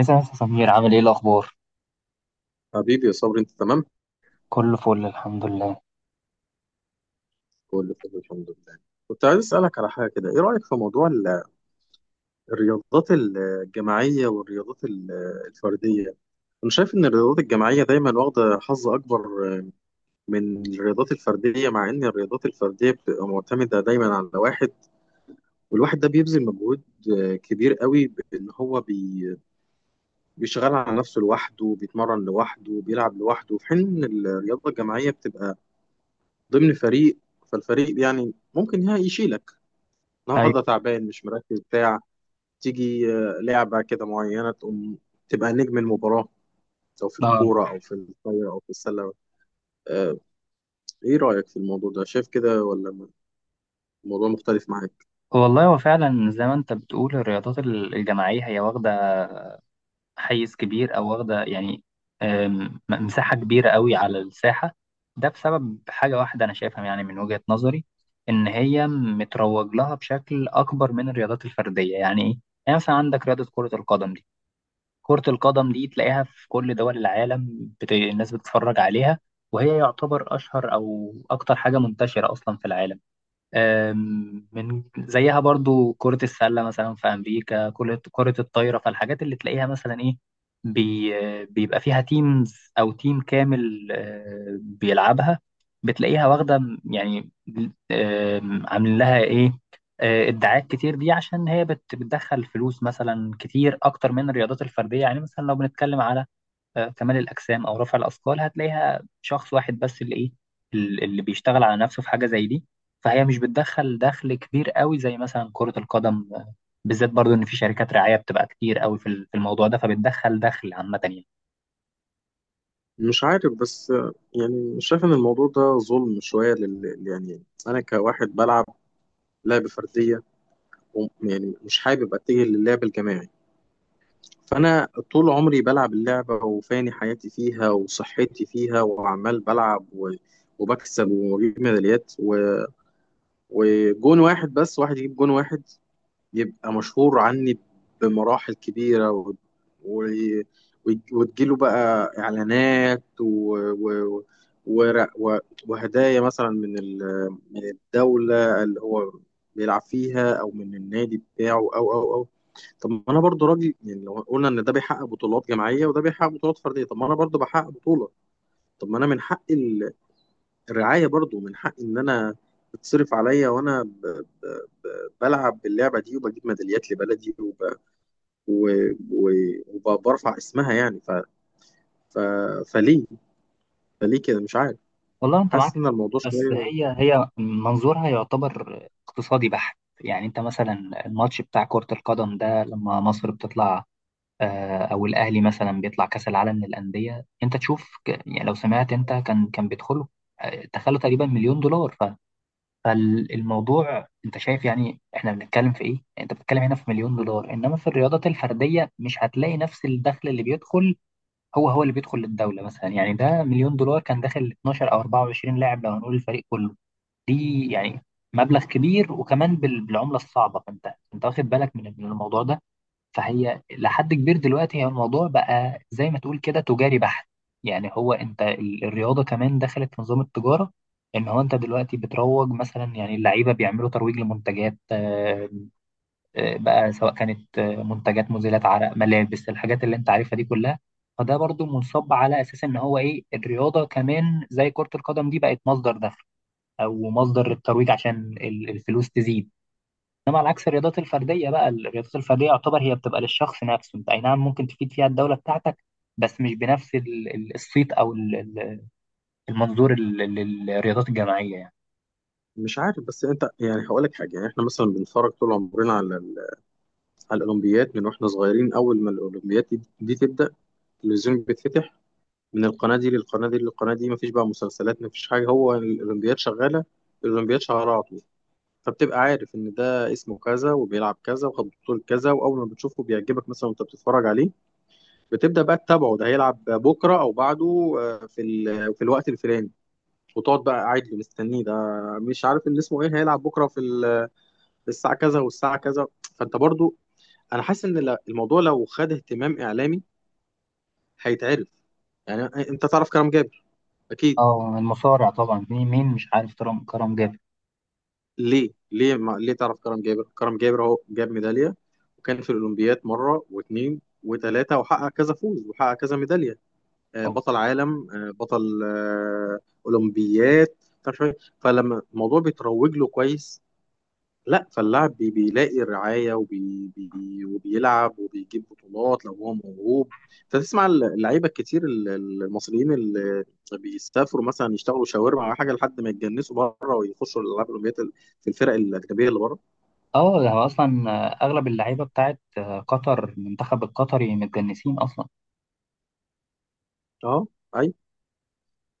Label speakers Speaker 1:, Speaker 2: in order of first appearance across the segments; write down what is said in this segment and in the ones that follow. Speaker 1: مساء يا أستاذ سمير، عامل ايه الاخبار؟
Speaker 2: حبيبي يا صبري، انت تمام؟
Speaker 1: كله فل الحمد لله.
Speaker 2: كله تمام الحمد لله. كنت عايز اسالك على حاجه كده، ايه رايك في موضوع الرياضات الجماعيه والرياضات الفرديه؟ انا شايف ان الرياضات الجماعيه دايما واخده حظ اكبر من الرياضات الفرديه، مع ان الرياضات الفرديه بتبقى معتمده دايما على واحد، والواحد ده بيبذل مجهود كبير قوي، بان هو بيشتغل على نفسه لوحده، بيتمرن لوحده، بيلعب لوحده، في حين ان الرياضه الجماعيه بتبقى ضمن فريق. فالفريق يعني ممكن يشيلك، النهارده
Speaker 1: ايوه.
Speaker 2: تعبان مش مركز بتاع تيجي لعبة كده معينة تقوم تبقى نجم المباراة، سواء في
Speaker 1: اه،
Speaker 2: الكورة أو في الطايرة أو في السلة. آه، إيه رأيك في الموضوع ده؟ شايف كده، ولا الموضوع مختلف معاك؟
Speaker 1: والله هو فعلا زي ما انت بتقول الرياضات الجماعيه هي واخده حيز كبير او واخده يعني مساحه كبيره قوي على الساحه. ده بسبب حاجه واحده انا شايفها، يعني من وجهه نظري، ان هي متروج لها بشكل اكبر من الرياضات الفرديه. يعني ايه؟ يعني مثلا عندك رياضه كره القدم دي. كرة القدم دي تلاقيها في كل دول العالم، الناس بتتفرج عليها، وهي يعتبر أشهر أو أكتر حاجة منتشرة أصلا في العالم. من زيها برضو كرة السلة مثلا في أمريكا، كرة الطايرة. فالحاجات اللي تلاقيها مثلا إيه، بيبقى فيها تيمز أو تيم كامل، بيلعبها، بتلاقيها واخدة يعني عاملين لها إيه، ادعاءات كتير، دي عشان هي بتدخل فلوس مثلا كتير أكتر من الرياضات الفردية. يعني مثلا لو بنتكلم على كمال الأجسام أو رفع الأثقال، هتلاقيها شخص واحد بس اللي إيه، اللي بيشتغل على نفسه في حاجة زي دي. فهي مش بتدخل دخل كبير قوي زي مثلا كرة القدم، بالذات برضو إن في شركات رعاية بتبقى كتير قوي في الموضوع ده، فبتدخل دخل عامة يعني.
Speaker 2: مش عارف بس يعني مش شايف إن الموضوع ده ظلم شوية يعني أنا كواحد بلعب لعبة فردية، وم- يعني مش حابب أتجه للعب الجماعي، فأنا طول عمري بلعب اللعبة وفاني حياتي فيها وصحتي فيها وعمال بلعب وبكسب وبجيب ميداليات وجون واحد، بس واحد يجيب جون واحد يبقى مشهور عني بمراحل كبيرة و... وتجيله بقى إعلانات و... و... وهدايا مثلا من الدولة اللي هو بيلعب فيها، أو من النادي بتاعه، أو أو أو طب ما أنا برضو راجل، يعني لو قلنا إن ده بيحقق بطولات جماعية وده بيحقق بطولات فردية، طب ما أنا برضو بحقق بطولة. طب ما أنا من حقي الرعاية برضو، من حق إن أنا تتصرف عليا وأنا ب... بلعب باللعبة دي وبجيب ميداليات لبلدي و... و وبرفع اسمها. يعني ف... فليه، فليه كده، مش عارف.
Speaker 1: والله أنت
Speaker 2: حاسس
Speaker 1: معاك،
Speaker 2: إن الموضوع
Speaker 1: بس
Speaker 2: شوية.
Speaker 1: هي هي منظورها يعتبر اقتصادي بحت. يعني أنت مثلا الماتش بتاع كرة القدم ده لما مصر بتطلع او الاهلي مثلا بيطلع كاس العالم للانديه، انت تشوف، يعني لو سمعت، انت كان بيدخله دخله تقريبا مليون دولار. فالموضوع انت شايف يعني احنا بنتكلم في ايه؟ انت بتتكلم هنا في مليون دولار، انما في الرياضات الفرديه مش هتلاقي نفس الدخل اللي بيدخل، هو هو اللي بيدخل للدوله مثلا. يعني ده مليون دولار كان داخل 12 او 24 لاعب لو هنقول الفريق كله. دي يعني مبلغ كبير، وكمان بالعمله الصعبه. فانت، انت واخد بالك من الموضوع ده. فهي لحد كبير دلوقتي هي الموضوع بقى زي ما تقول كده تجاري بحت. يعني هو، انت الرياضة كمان دخلت في نظام التجارة. ان هو انت دلوقتي بتروج مثلا، يعني اللعيبة بيعملوا ترويج لمنتجات، بقى سواء كانت منتجات مزيلة عرق، ملابس، الحاجات اللي انت عارفها دي كلها. فده برضو منصب على اساس ان هو ايه الرياضة كمان زي كرة القدم دي بقت مصدر دخل او مصدر الترويج، عشان الفلوس تزيد. انما على عكس الرياضات الفرديه، بقى الرياضات الفرديه يعتبر هي بتبقى للشخص نفسه. انت اي نعم ممكن تفيد فيها الدوله بتاعتك، بس مش بنفس الصيت او المنظور للرياضات الجماعيه يعني.
Speaker 2: مش عارف بس أنت، يعني هقول لك حاجة، يعني إحنا مثلا بنتفرج طول عمرنا على الأولمبيات من وإحنا صغيرين. أول ما الأولمبيات دي تبدأ، التلفزيون بيتفتح من القناة دي للقناة دي للقناة دي، مفيش بقى مسلسلات، مفيش حاجة، هو الأولمبيات شغالة، الأولمبياد شهر. فبتبقى عارف ان ده اسمه كذا وبيلعب كذا وخد بطولة كذا، واول ما بتشوفه بيعجبك مثلا وانت بتتفرج عليه، بتبدأ بقى تتابعه، ده هيلعب بكرة او بعده في في الوقت الفلاني، وتقعد بقى قاعد له مستنيه ده، مش عارف اللي اسمه ايه هيلعب بكرة في في الساعة كذا والساعة كذا. فانت برضو انا حاسس ان الموضوع لو خد اهتمام اعلامي هيتعرف، يعني. انت تعرف كرم جابر؟ اكيد.
Speaker 1: اه المصارع طبعا، مين مين مش عارف كرم جابر.
Speaker 2: ليه ليه ما ليه تعرف كرم جابر؟ كرم جابر هو جاب ميدالية، وكان في الأولمبياد مرة واثنين وثلاثة، وحقق كذا فوز وحقق كذا ميدالية،
Speaker 1: اه.
Speaker 2: بطل عالم، بطل أولمبياد، مش عارف إيه. فلما الموضوع بيتروج له كويس، لا، فاللاعب بيلاقي الرعايه وبي بي وبيلعب وبيجيب بطولات لو هو موهوب. فتسمع اللعيبه الكتير المصريين اللي بيسافروا مثلا يشتغلوا شاورما او حاجه لحد ما يتجنسوا بره، ويخشوا الالعاب الاولمبيه في الفرق الاجنبيه اللي بره.
Speaker 1: ده هو اصلا، اغلب اللعيبه بتاعت قطر، المنتخب القطري متجنسين اصلا.
Speaker 2: اه، اي.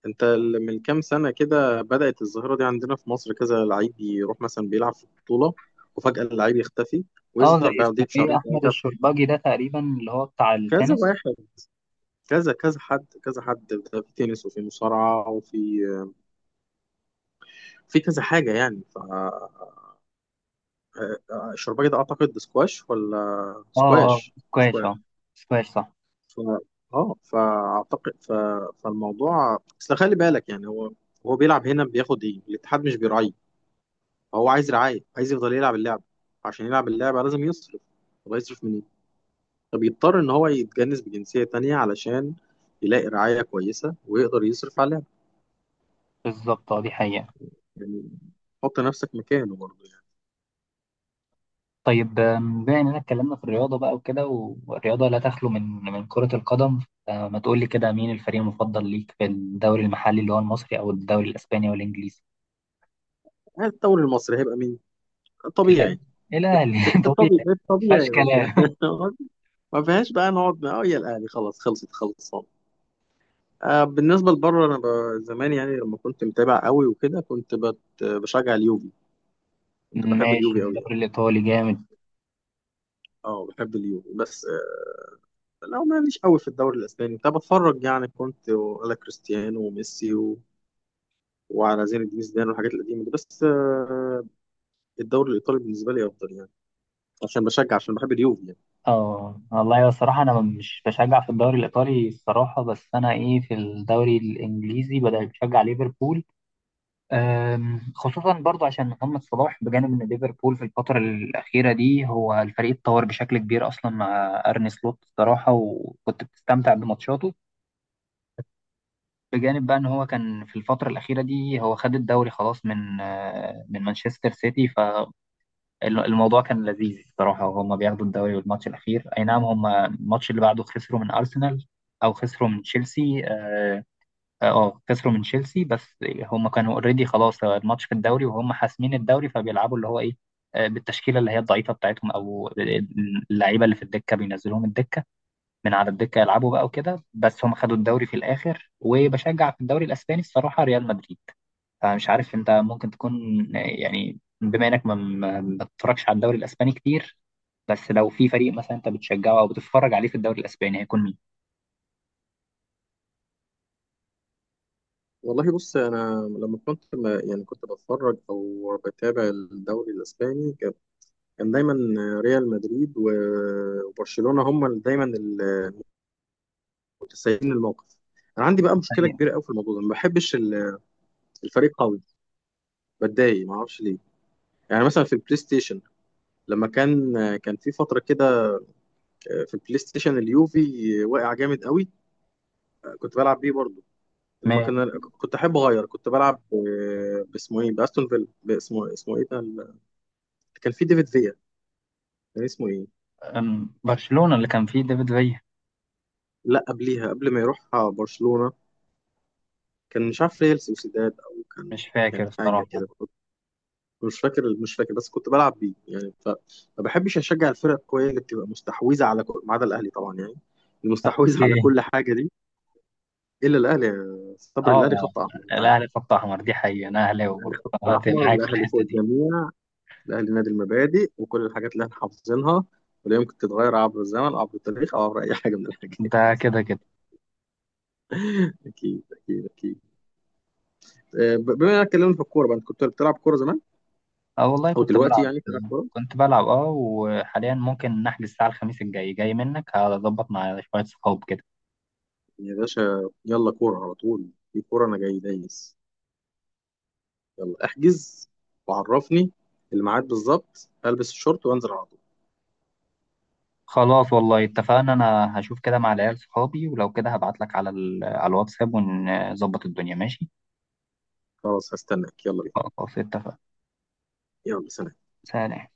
Speaker 2: انت من كام سنه كده بدات الظاهره دي عندنا في مصر، كذا لعيب يروح مثلا بيلعب في بطوله وفجاه اللعيب يختفي
Speaker 1: اه زي
Speaker 2: ويظهر بعديه
Speaker 1: اسمه ايه
Speaker 2: بشهرين
Speaker 1: احمد
Speaker 2: ثلاثه.
Speaker 1: الشرباجي ده تقريبا اللي هو بتاع
Speaker 2: كذا
Speaker 1: التنس.
Speaker 2: واحد، كذا كذا حد كذا حد، ده في تنس وفي مصارعة وفي في كذا حاجة. يعني ف الشرباجي ده أعتقد سكواش، ولا
Speaker 1: اه اه،
Speaker 2: سكواش،
Speaker 1: سكواش اه.
Speaker 2: سكواش.
Speaker 1: سكواش صح.
Speaker 2: ف... اه، فأعتقد فالموضوع أصل خلي بالك، يعني هو، هو بيلعب هنا بياخد إيه، الاتحاد مش بيراعيه، هو عايز رعاية، عايز يفضل يلعب اللعبة، عشان يلعب اللعبة لازم يصرف. طب هيصرف منين؟ طب يضطر إن هو يتجنس بجنسية تانية علشان يلاقي رعاية كويسة ويقدر يصرف على اللعبة.
Speaker 1: بالظبط اه، دي حقيقة.
Speaker 2: يعني حط نفسك مكانه برضه.
Speaker 1: طيب بما اننا اتكلمنا في الرياضه بقى وكده، والرياضه لا تخلو من كره القدم. فما تقول لي كده، مين الفريق المفضل ليك في الدوري المحلي اللي هو المصري، او الدوري الاسباني، او الانجليزي؟
Speaker 2: الدوري المصري هيبقى مين؟
Speaker 1: الاهلي.
Speaker 2: طبيعي.
Speaker 1: الاهلي طبيعي.
Speaker 2: الطبيعي
Speaker 1: ما
Speaker 2: الطبيعي
Speaker 1: فيهاش
Speaker 2: يا باشا
Speaker 1: كلام.
Speaker 2: ما فيهاش بقى نقعد بقى، اه، يا الاهلي خلاص خلصت خلصان. آه، بالنسبه لبره انا زمان يعني لما كنت متابع قوي وكده كنت بشجع اليوفي، كنت بحب
Speaker 1: ماشي
Speaker 2: اليوفي قوي يعني.
Speaker 1: الدوري الايطالي جامد.
Speaker 2: اه، بحب اليوفي، بس آه، لو ماليش قوي في الدوري الاسباني كنت بتفرج يعني، كنت على كريستيانو وميسي وعلى زين الدين زيدان والحاجات القديمه دي، بس آه، الدوري الايطالي بالنسبه لي افضل، يعني عشان بشجع، عشان بحب اليوفي.
Speaker 1: اه والله الصراحه انا مش بشجع في الدوري الايطالي الصراحه، بس انا ايه، في الدوري الانجليزي بدأت بشجع ليفربول، خصوصا برضو عشان محمد صلاح، بجانب ان ليفربول في الفترة الأخيرة دي هو الفريق اتطور بشكل كبير أصلا مع أرني سلوت الصراحة، وكنت بتستمتع بماتشاته. بجانب بقى ان هو كان في الفترة الأخيرة دي هو خد الدوري خلاص من مانشستر سيتي. فالموضوع كان لذيذ الصراحة، وهما بياخدوا الدوري، والماتش الأخير أي نعم هما الماتش اللي بعده خسروا من أرسنال أو خسروا من تشيلسي. اه، خسروا من تشيلسي، بس هم كانوا اوريدي خلاص الماتش في الدوري وهم حاسمين الدوري، فبيلعبوا اللي هو ايه، بالتشكيله اللي هي الضعيفه بتاعتهم، او اللعيبه اللي في الدكه بينزلوهم الدكه، من على الدكه يلعبوا بقى وكده. بس هم خدوا الدوري في الاخر. وبشجع في الدوري الاسباني الصراحه ريال مدريد. فمش عارف انت ممكن تكون، يعني بما انك ما بتتفرجش على الدوري الاسباني كتير، بس لو في فريق مثلا انت بتشجعه او بتتفرج عليه في الدوري الاسباني هيكون مين؟
Speaker 2: والله بص، انا لما كنت يعني كنت بتفرج او بتابع الدوري الاسباني، كان كان دايما ريال مدريد وبرشلونه هم دايما المتسيدين الموقف. انا عندي بقى مشكله
Speaker 1: يعني
Speaker 2: كبيره قوي في الموضوع ده، ما بحبش الفريق قوي، بتضايق ما اعرفش ليه. يعني مثلا في البلاي ستيشن، لما كان كان في فتره كده في البلاي ستيشن اليوفي واقع جامد قوي، كنت بلعب بيه برضه. لما
Speaker 1: ما،
Speaker 2: كنت احب اغير، كنت بلعب باسمه ايه، باستون فيلا، باسمه اسمه ايه ده كان في ديفيد فيا، كان اسمه ايه؟
Speaker 1: برشلونة اللي كان فيه ديفيد فيا.
Speaker 2: لا قبليها، قبل ما يروح برشلونة، كان مش عارف ريال سوسيداد او كان
Speaker 1: مش فاكر
Speaker 2: كان حاجة
Speaker 1: الصراحة.
Speaker 2: كده، مش فاكر مش فاكر، بس كنت بلعب بيه يعني ما بحبش اشجع الفرق القوية اللي بتبقى مستحوذة على كل، ما عدا الاهلي طبعا يعني، المستحوذة على
Speaker 1: اوكي.
Speaker 2: كل حاجة دي، الا الاهلي يا صبري،
Speaker 1: اه.
Speaker 2: الاهلي خط احمر انت عارف.
Speaker 1: الأهلي خط أحمر، دي حقيقة، أنا أهلاوي
Speaker 2: الاهلي
Speaker 1: برضه
Speaker 2: خط
Speaker 1: فأنت
Speaker 2: احمر،
Speaker 1: معاك في
Speaker 2: الاهلي فوق
Speaker 1: الحتة دي.
Speaker 2: الجميع، الاهلي نادي المبادئ، وكل الحاجات اللي احنا حافظينها ولا يمكن تتغير عبر الزمن عبر التاريخ او عبر اي حاجه من الحاجات.
Speaker 1: ده كده كده.
Speaker 2: اكيد اكيد اكيد. آه، بما اننا اتكلمنا في الكوره بقى، انت كنت بتلعب كوره زمان،
Speaker 1: اه والله
Speaker 2: هو
Speaker 1: كنت
Speaker 2: دلوقتي
Speaker 1: بلعب.
Speaker 2: يعني بتلعب كورة؟
Speaker 1: كنت بلعب اه، وحاليا ممكن نحجز الساعة الخميس الجاي، جاي منك هظبط مع شوية صحاب كده.
Speaker 2: يا باشا يلا كورة على طول، في كورة أنا جاي دايس، يلا احجز وعرفني الميعاد بالظبط، ألبس الشورت وأنزل على طول.
Speaker 1: خلاص والله اتفقنا، أنا هشوف كده مع العيال صحابي، ولو كده هبعتلك على الواتساب ونظبط الدنيا ماشي.
Speaker 2: خلاص هستناك، يلا بينا.
Speaker 1: خلاص اتفقنا.
Speaker 2: يلا سلام.
Speaker 1: سلام.